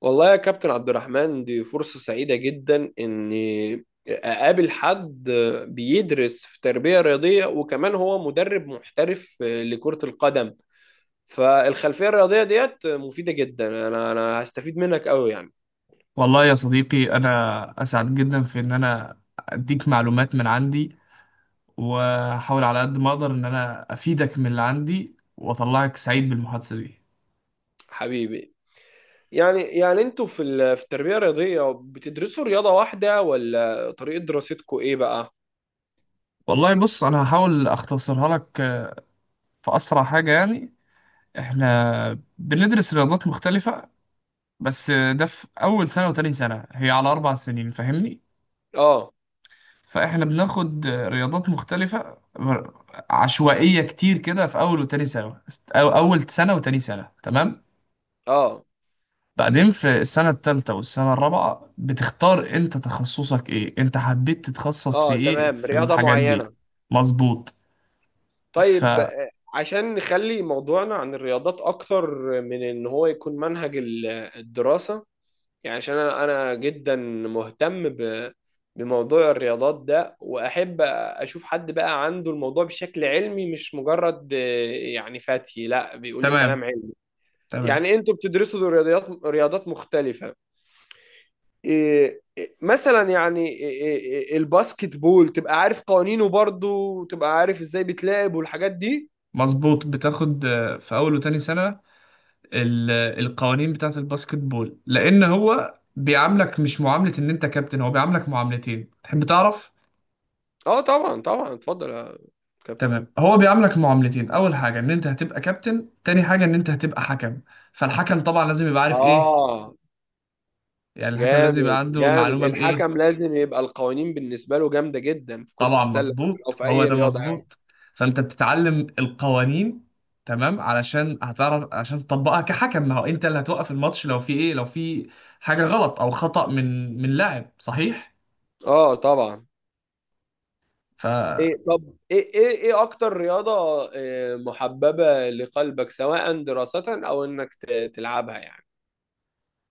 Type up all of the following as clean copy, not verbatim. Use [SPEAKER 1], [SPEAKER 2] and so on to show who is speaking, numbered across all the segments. [SPEAKER 1] والله يا كابتن عبد الرحمن، دي فرصة سعيدة جدا إني أقابل حد بيدرس في تربية رياضية، وكمان هو مدرب محترف لكرة القدم. فالخلفية الرياضية ديت مفيدة جدا. أنا هستفيد منك أوي يعني.
[SPEAKER 2] والله يا صديقي، أنا أسعد جدا في إن أنا أديك معلومات من عندي، وأحاول على قد ما أقدر إن أنا أفيدك من اللي عندي وأطلعك سعيد بالمحادثة دي.
[SPEAKER 1] حبيبي. يعني أنتوا في التربية الرياضية بتدرسوا رياضة واحدة، ولا طريقة دراستكوا إيه بقى؟
[SPEAKER 2] والله بص، أنا هحاول أختصرها لك في أسرع حاجة. يعني إحنا بندرس رياضات مختلفة، بس ده في أول سنة وتاني سنة. هي على أربع سنين، فاهمني؟
[SPEAKER 1] آه.
[SPEAKER 2] فإحنا بناخد رياضات مختلفة عشوائية كتير كده في أول وتاني سنة، أو أول سنة وتاني سنة، تمام.
[SPEAKER 1] آه.
[SPEAKER 2] بعدين في السنة التالتة والسنة الرابعة بتختار انت تخصصك ايه، انت حبيت تتخصص في
[SPEAKER 1] آه،
[SPEAKER 2] ايه
[SPEAKER 1] تمام،
[SPEAKER 2] في
[SPEAKER 1] رياضة
[SPEAKER 2] الحاجات دي.
[SPEAKER 1] معينة.
[SPEAKER 2] مظبوط. ف
[SPEAKER 1] طيب، عشان نخلي موضوعنا عن الرياضات اكتر من ان هو يكون منهج الدراسة. يعني عشان أنا جدا مهتم بموضوع الرياضات ده، واحب اشوف حد بقى عنده الموضوع بشكل علمي، مش مجرد يعني فتي لا بيقول لي كلام
[SPEAKER 2] تمام،
[SPEAKER 1] علمي.
[SPEAKER 2] تمام.
[SPEAKER 1] يعني انتوا بتدرسوا رياضات مختلفة. إيه مثلا، يعني إيه الباسكت بول، تبقى عارف قوانينه برضه وتبقى عارف ازاي بيتلعب والحاجات دي.
[SPEAKER 2] مظبوط، بتاخد في اول وتاني سنة القوانين بتاعة الباسكت بول، لان هو بيعاملك مش معاملة ان انت كابتن، هو بيعاملك معاملتين، تحب تعرف؟
[SPEAKER 1] اه طبعا، طبعا، اتفضل يا كابتن.
[SPEAKER 2] تمام، هو بيعاملك معاملتين: اول حاجة ان انت هتبقى كابتن، تاني حاجة ان انت هتبقى حكم. فالحكم طبعا لازم يبقى عارف ايه،
[SPEAKER 1] اه
[SPEAKER 2] يعني الحكم لازم يبقى
[SPEAKER 1] جامد،
[SPEAKER 2] عنده
[SPEAKER 1] جامد.
[SPEAKER 2] معلومة بإيه.
[SPEAKER 1] الحكم لازم يبقى القوانين بالنسبة له جامدة جدا في كرة
[SPEAKER 2] طبعا
[SPEAKER 1] السلة، او
[SPEAKER 2] مظبوط،
[SPEAKER 1] في
[SPEAKER 2] هو
[SPEAKER 1] اي
[SPEAKER 2] ده
[SPEAKER 1] رياضة يعني.
[SPEAKER 2] مظبوط. فانت بتتعلم القوانين، تمام، علشان هتعرف عشان تطبقها كحكم. ما هو انت اللي هتوقف الماتش لو في ايه، لو في حاجة غلط او خطأ من لاعب، صحيح؟
[SPEAKER 1] اه، طبعا.
[SPEAKER 2] ف
[SPEAKER 1] طب، ايه اكتر رياضة محببة لقلبك، سواء دراسة او انك تلعبها يعني؟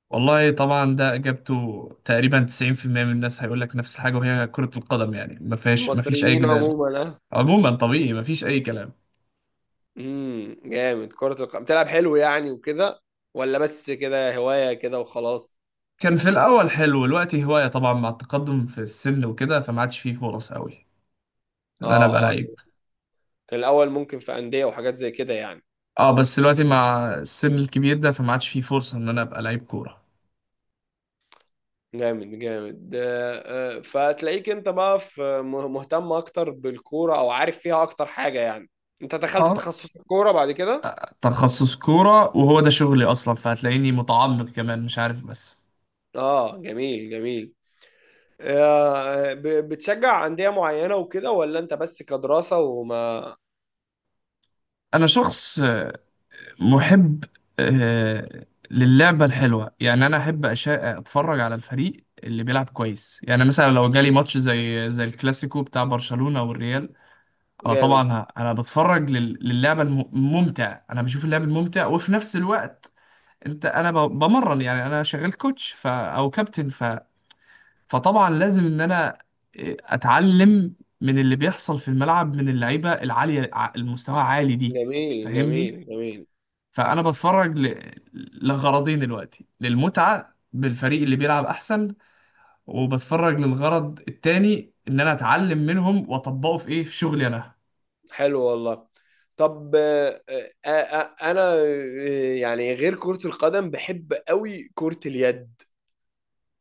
[SPEAKER 2] والله طبعا ده اجابته تقريبا 90% من الناس هيقول لك نفس الحاجة، وهي كرة القدم. يعني ما فيهاش، ما فيش اي
[SPEAKER 1] المصريين
[SPEAKER 2] جدال.
[SPEAKER 1] عموما، اه.
[SPEAKER 2] عموما طبيعي، ما فيش اي كلام.
[SPEAKER 1] جامد. كرة القدم بتلعب حلو يعني وكده، ولا بس كده هواية كده وخلاص؟
[SPEAKER 2] كان في الاول حلو، دلوقتي هواية طبعا، مع التقدم في السن وكده فما عادش فيه فرص قوي ان انا ابقى
[SPEAKER 1] اه، اه.
[SPEAKER 2] لعيب.
[SPEAKER 1] كان الاول ممكن في أندية وحاجات زي كده يعني؟
[SPEAKER 2] اه بس دلوقتي مع السن الكبير ده فما عادش فيه فرصة ان انا ابقى لعيب كورة.
[SPEAKER 1] جامد، جامد. فتلاقيك انت بقى مهتم اكتر بالكوره او عارف فيها اكتر حاجه يعني. انت دخلت
[SPEAKER 2] اه،
[SPEAKER 1] تخصص الكوره بعد كده؟
[SPEAKER 2] تخصص كورة، وهو ده شغلي اصلا، فهتلاقيني متعمق كمان مش عارف بس.
[SPEAKER 1] اه، جميل، جميل. بتشجع انديه معينه وكده، ولا انت بس كدراسه وما...
[SPEAKER 2] انا شخص محب للعبة الحلوة. يعني انا احب اتفرج على الفريق اللي بيلعب كويس. يعني مثلا لو جالي ماتش زي الكلاسيكو بتاع برشلونة والريال، انا
[SPEAKER 1] جامد.
[SPEAKER 2] طبعا انا بتفرج للعبة الممتع، انا بشوف اللعب الممتع. وفي نفس الوقت انا بمرن، يعني انا شغال كوتش او كابتن فطبعا لازم ان انا اتعلم من اللي بيحصل في الملعب، من اللعيبه العاليه المستوى عالي دي،
[SPEAKER 1] جميل،
[SPEAKER 2] فاهمني؟
[SPEAKER 1] جميل، جميل.
[SPEAKER 2] فانا بتفرج ل... لغرضين دلوقتي: للمتعه بالفريق اللي بيلعب احسن، وبتفرج للغرض التاني ان انا اتعلم منهم واطبقه في ايه، في شغلي انا.
[SPEAKER 1] حلو والله. طب، انا، يعني غير كره القدم بحب قوي كره اليد.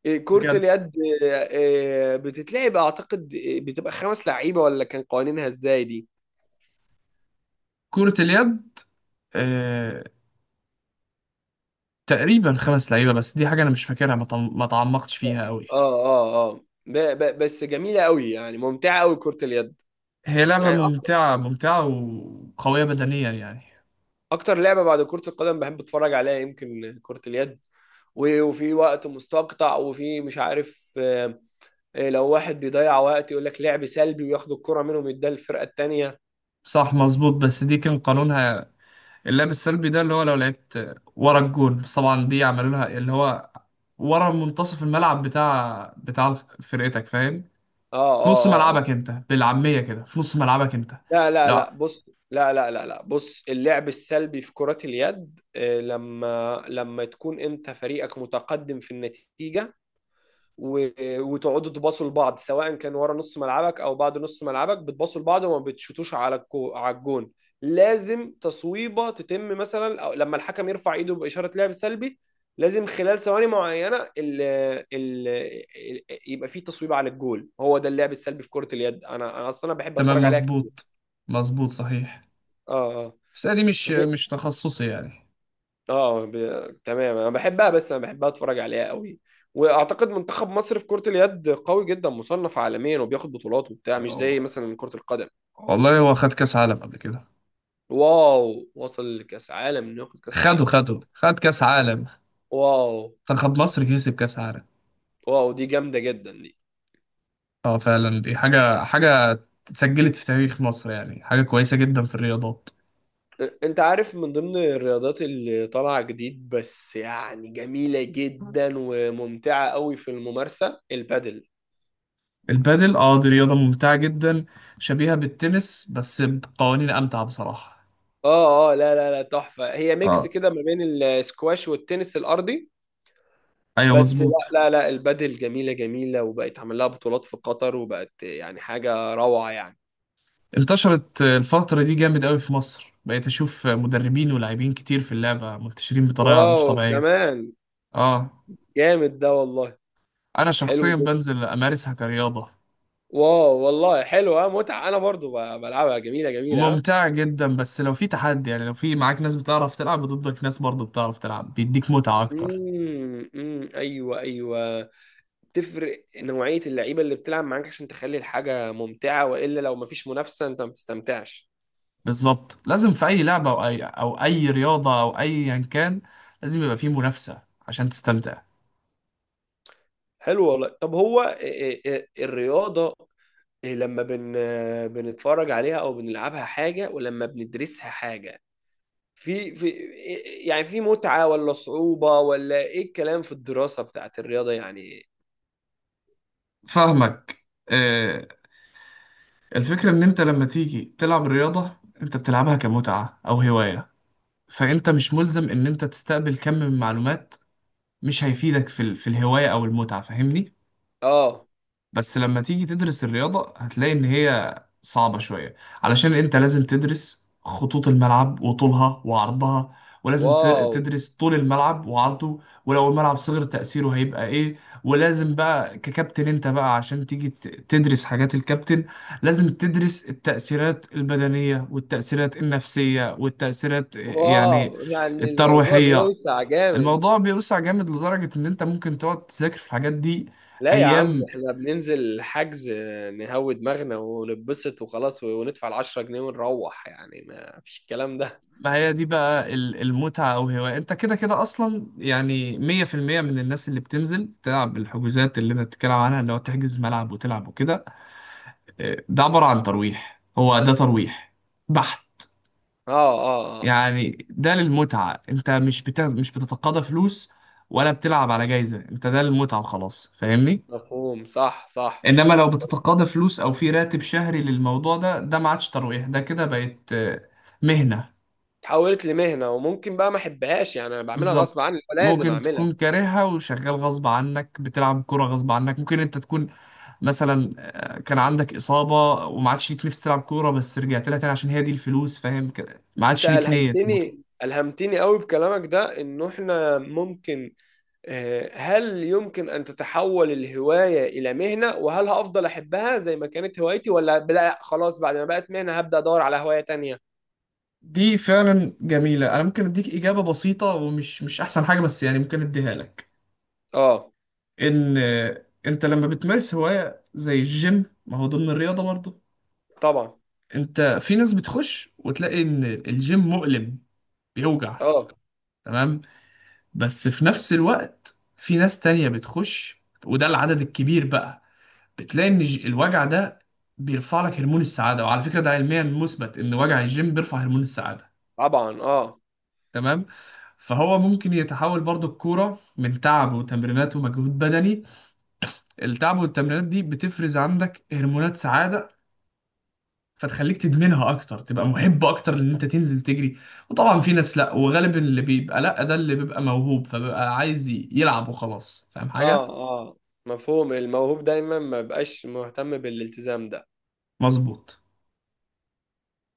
[SPEAKER 1] إيه، كرة
[SPEAKER 2] بجد.
[SPEAKER 1] اليد! إيه، بتتلعب اعتقد، إيه، بتبقى 5 لعيبة؟ ولا كان قوانينها ازاي دي؟
[SPEAKER 2] كرة اليد آه... تقريبا خمس لعيبه، بس دي حاجه انا مش فاكرها، ما تعمقتش
[SPEAKER 1] اه،
[SPEAKER 2] فيها قوي.
[SPEAKER 1] اه، اه. ب ب بس جميلة قوي يعني، ممتعة قوي كرة اليد.
[SPEAKER 2] هي لعبة
[SPEAKER 1] يعني اكتر
[SPEAKER 2] ممتعة، ممتعة وقوية بدنيا يعني.
[SPEAKER 1] أكتر لعبة بعد كرة القدم بحب اتفرج عليها يمكن كرة اليد. وفي وقت مستقطع، وفي مش عارف لو واحد بيضيع وقت يقول لك لعب سلبي، وياخد الكرة منهم يديها للفرقة التانية.
[SPEAKER 2] صح، مظبوط، بس دي كان قانونها. اللعب السلبي ده اللي هو لو لعبت ورا الجول، بس طبعا دي عملوا لها اللي هو ورا منتصف الملعب بتاع فرقتك، فاهم؟
[SPEAKER 1] اه،
[SPEAKER 2] في
[SPEAKER 1] اه،
[SPEAKER 2] نص
[SPEAKER 1] اه،
[SPEAKER 2] ملعبك
[SPEAKER 1] آه.
[SPEAKER 2] انت، بالعامية كده، في نص ملعبك انت.
[SPEAKER 1] لا، لا، لا،
[SPEAKER 2] لا،
[SPEAKER 1] بص، لا، لا، لا، لا، بص، اللعب السلبي في كرة اليد لما تكون انت فريقك متقدم في النتيجة، و- وتقعدوا تباصوا لبعض، سواء كان ورا نص ملعبك او بعد نص ملعبك، بتباصوا لبعض وما بتشوتوش على الجون، لازم تصويبة تتم مثلا، أو لما الحكم يرفع ايده بإشارة لعب سلبي، لازم خلال ثواني معينة ال يبقى في تصويبة على الجول. هو ده اللعب السلبي في كرة اليد. انا انا اصلا أنا بحب
[SPEAKER 2] تمام
[SPEAKER 1] اتفرج عليها كتير.
[SPEAKER 2] مظبوط، مظبوط صحيح،
[SPEAKER 1] اه. آه.
[SPEAKER 2] بس دي
[SPEAKER 1] غير-
[SPEAKER 2] مش تخصصي يعني.
[SPEAKER 1] اه ب... تمام، انا بحبها، بس انا بحبها اتفرج عليها قوي. واعتقد منتخب مصر في كرة اليد قوي جدا، مصنف عالميا وبياخد بطولات وبتاع، مش زي مثلا كرة القدم.
[SPEAKER 2] والله هو خد كأس عالم قبل كده.
[SPEAKER 1] واو، وصل لكاس عالم! انه ياخد كاس عالم،
[SPEAKER 2] خده
[SPEAKER 1] يلا.
[SPEAKER 2] خده خد كأس عالم.
[SPEAKER 1] واو.
[SPEAKER 2] منتخب مصر كسب كأس عالم.
[SPEAKER 1] واو، دي جامدة جدا دي.
[SPEAKER 2] اه فعلا، دي حاجة، اتسجلت في تاريخ مصر، يعني حاجة كويسة جدا في الرياضات.
[SPEAKER 1] انت عارف من ضمن الرياضات اللي طالعة جديد، بس يعني جميلة جدا وممتعة قوي في الممارسة، البادل.
[SPEAKER 2] البادل، اه دي رياضة ممتعة جدا، شبيهة بالتنس بس بقوانين أمتع بصراحة.
[SPEAKER 1] اه، اه، لا، لا، لا، تحفة. هي ميكس
[SPEAKER 2] اه،
[SPEAKER 1] كده ما بين السكواش والتنس الارضي.
[SPEAKER 2] أيوة
[SPEAKER 1] بس لا،
[SPEAKER 2] مظبوط.
[SPEAKER 1] لا، لا، البادل جميلة، جميلة، وبقت عمل لها بطولات في قطر، وبقت يعني حاجة روعة يعني.
[SPEAKER 2] انتشرت الفترة دي جامد قوي في مصر، بقيت أشوف مدربين ولاعبين كتير في اللعبة منتشرين بطريقة
[SPEAKER 1] واو،
[SPEAKER 2] مش طبيعية.
[SPEAKER 1] كمان!
[SPEAKER 2] اه.
[SPEAKER 1] جامد ده والله.
[SPEAKER 2] أنا
[SPEAKER 1] حلو
[SPEAKER 2] شخصيا
[SPEAKER 1] جدا.
[SPEAKER 2] بنزل أمارسها كرياضة.
[SPEAKER 1] واو والله، حلو. اه، متعة. انا برضو بلعبها جميلة، جميلة، اه.
[SPEAKER 2] ممتعة جدا، بس لو في تحدي، يعني لو في معاك ناس بتعرف تلعب ضدك، ناس برضو بتعرف تلعب بيديك، متعة أكتر.
[SPEAKER 1] امم، أمم، ايوه، ايوه. بتفرق نوعية اللعيبة اللي بتلعب معاك، عشان تخلي الحاجة ممتعة، والا لو مفيش منافسة انت ما بتستمتعش.
[SPEAKER 2] بالظبط، لازم في اي لعبه او اي او اي رياضه او ايا كان لازم يبقى فيه منافسه عشان تستمتع.
[SPEAKER 1] حلو والله. طب هو إيه الرياضة، إيه، لما بنتفرج عليها او بنلعبها حاجه، ولما بندرسها حاجه، في يعني في متعه ولا صعوبه، ولا ايه الكلام في الدراسه بتاعت الرياضه يعني؟
[SPEAKER 2] فاهمك. آه، الفكره ان انت لما تيجي تلعب الرياضه، انت بتلعبها كمتعه او هوايه، فانت مش ملزم ان انت تستقبل كم من معلومات مش هيفيدك في في الهوايه او المتعه، فاهمني؟
[SPEAKER 1] اه.
[SPEAKER 2] بس لما تيجي تدرس الرياضة هتلاقي إن هي صعبة شوية، علشان أنت لازم تدرس خطوط الملعب وطولها وعرضها، ولازم
[SPEAKER 1] واو.
[SPEAKER 2] تدرس طول الملعب وعرضه، ولو الملعب صغر تأثيره هيبقى إيه. ولازم بقى ككابتن أنت بقى عشان تيجي تدرس حاجات الكابتن، لازم تدرس التأثيرات البدنية والتأثيرات النفسية والتأثيرات يعني
[SPEAKER 1] واو، يعني الموضوع
[SPEAKER 2] الترويحية.
[SPEAKER 1] بيوسع جامد.
[SPEAKER 2] الموضوع بيوسع جامد، لدرجة إن أنت ممكن تقعد تذاكر في الحاجات دي
[SPEAKER 1] لا يا عم،
[SPEAKER 2] أيام.
[SPEAKER 1] احنا بننزل حجز نهوي دماغنا ونتبسط وخلاص، وندفع العشرة جنيه ونروح، يعني ما فيش الكلام ده.
[SPEAKER 2] ما هي دي بقى المتعة أو هواية، أنت كده كده أصلا يعني مية في المية من الناس اللي بتنزل تلعب الحجوزات اللي أنت بتتكلم عنها، اللي هو تحجز ملعب وتلعب وكده. ده عبارة عن ترويح، هو ده ترويح بحت.
[SPEAKER 1] اه، اه، اه.
[SPEAKER 2] يعني ده للمتعة، أنت مش بت... مش بتتقاضى فلوس ولا بتلعب على جايزة، أنت ده للمتعة وخلاص، فاهمني؟
[SPEAKER 1] مفهوم، صح، صح.
[SPEAKER 2] إنما لو بتتقاضى فلوس أو في راتب شهري للموضوع ده، ده ما عادش ترويح، ده كده بقت مهنة.
[SPEAKER 1] اتحولت لمهنه، وممكن بقى ما احبهاش، يعني انا بعملها غصب
[SPEAKER 2] بالظبط،
[SPEAKER 1] عني لازم
[SPEAKER 2] ممكن
[SPEAKER 1] اعملها.
[SPEAKER 2] تكون كارهها وشغال غصب عنك، بتلعب كورة غصب عنك. ممكن انت تكون مثلا كان عندك إصابة وما عادش ليك نفس تلعب كورة، بس رجعت لها تاني عشان هي دي الفلوس، فاهم كده؟ ما
[SPEAKER 1] انت
[SPEAKER 2] عادش ليك نية المتعة.
[SPEAKER 1] الهمتني قوي بكلامك ده، انه احنا ممكن هل يمكن ان تتحول الهوايه الى مهنه؟ وهل هفضل احبها زي ما كانت هوايتي، ولا لا خلاص بعد ما بقت مهنه هبدا ادور على هوايه تانية؟
[SPEAKER 2] دي فعلا جميلة، انا ممكن اديك إجابة بسيطة ومش مش احسن حاجة بس، يعني ممكن اديها لك.
[SPEAKER 1] اه،
[SPEAKER 2] ان انت لما بتمارس هواية زي الجيم، ما هو ضمن الرياضة برضه،
[SPEAKER 1] طبعا.
[SPEAKER 2] انت في ناس بتخش وتلاقي ان الجيم مؤلم، بيوجع،
[SPEAKER 1] اه،
[SPEAKER 2] تمام، بس في نفس الوقت في ناس تانية بتخش، وده العدد الكبير بقى، بتلاقي ان الوجع ده بيرفع لك هرمون السعادة. وعلى فكرة ده علميا مثبت ان وجع الجيم بيرفع هرمون السعادة،
[SPEAKER 1] طبعا. اه،
[SPEAKER 2] تمام. فهو ممكن يتحول برضو الكورة من تعب وتمرينات ومجهود بدني، التعب والتمرينات دي بتفرز عندك هرمونات سعادة، فتخليك تدمنها اكتر، تبقى محب اكتر ان انت تنزل تجري. وطبعا في ناس لا، وغالبا اللي بيبقى لا ده اللي بيبقى موهوب، فبيبقى عايز يلعب وخلاص، فاهم
[SPEAKER 1] اه،
[SPEAKER 2] حاجة؟
[SPEAKER 1] اه. مفهوم. الموهوب دايما ما بقاش مهتم بالالتزام ده.
[SPEAKER 2] مظبوط.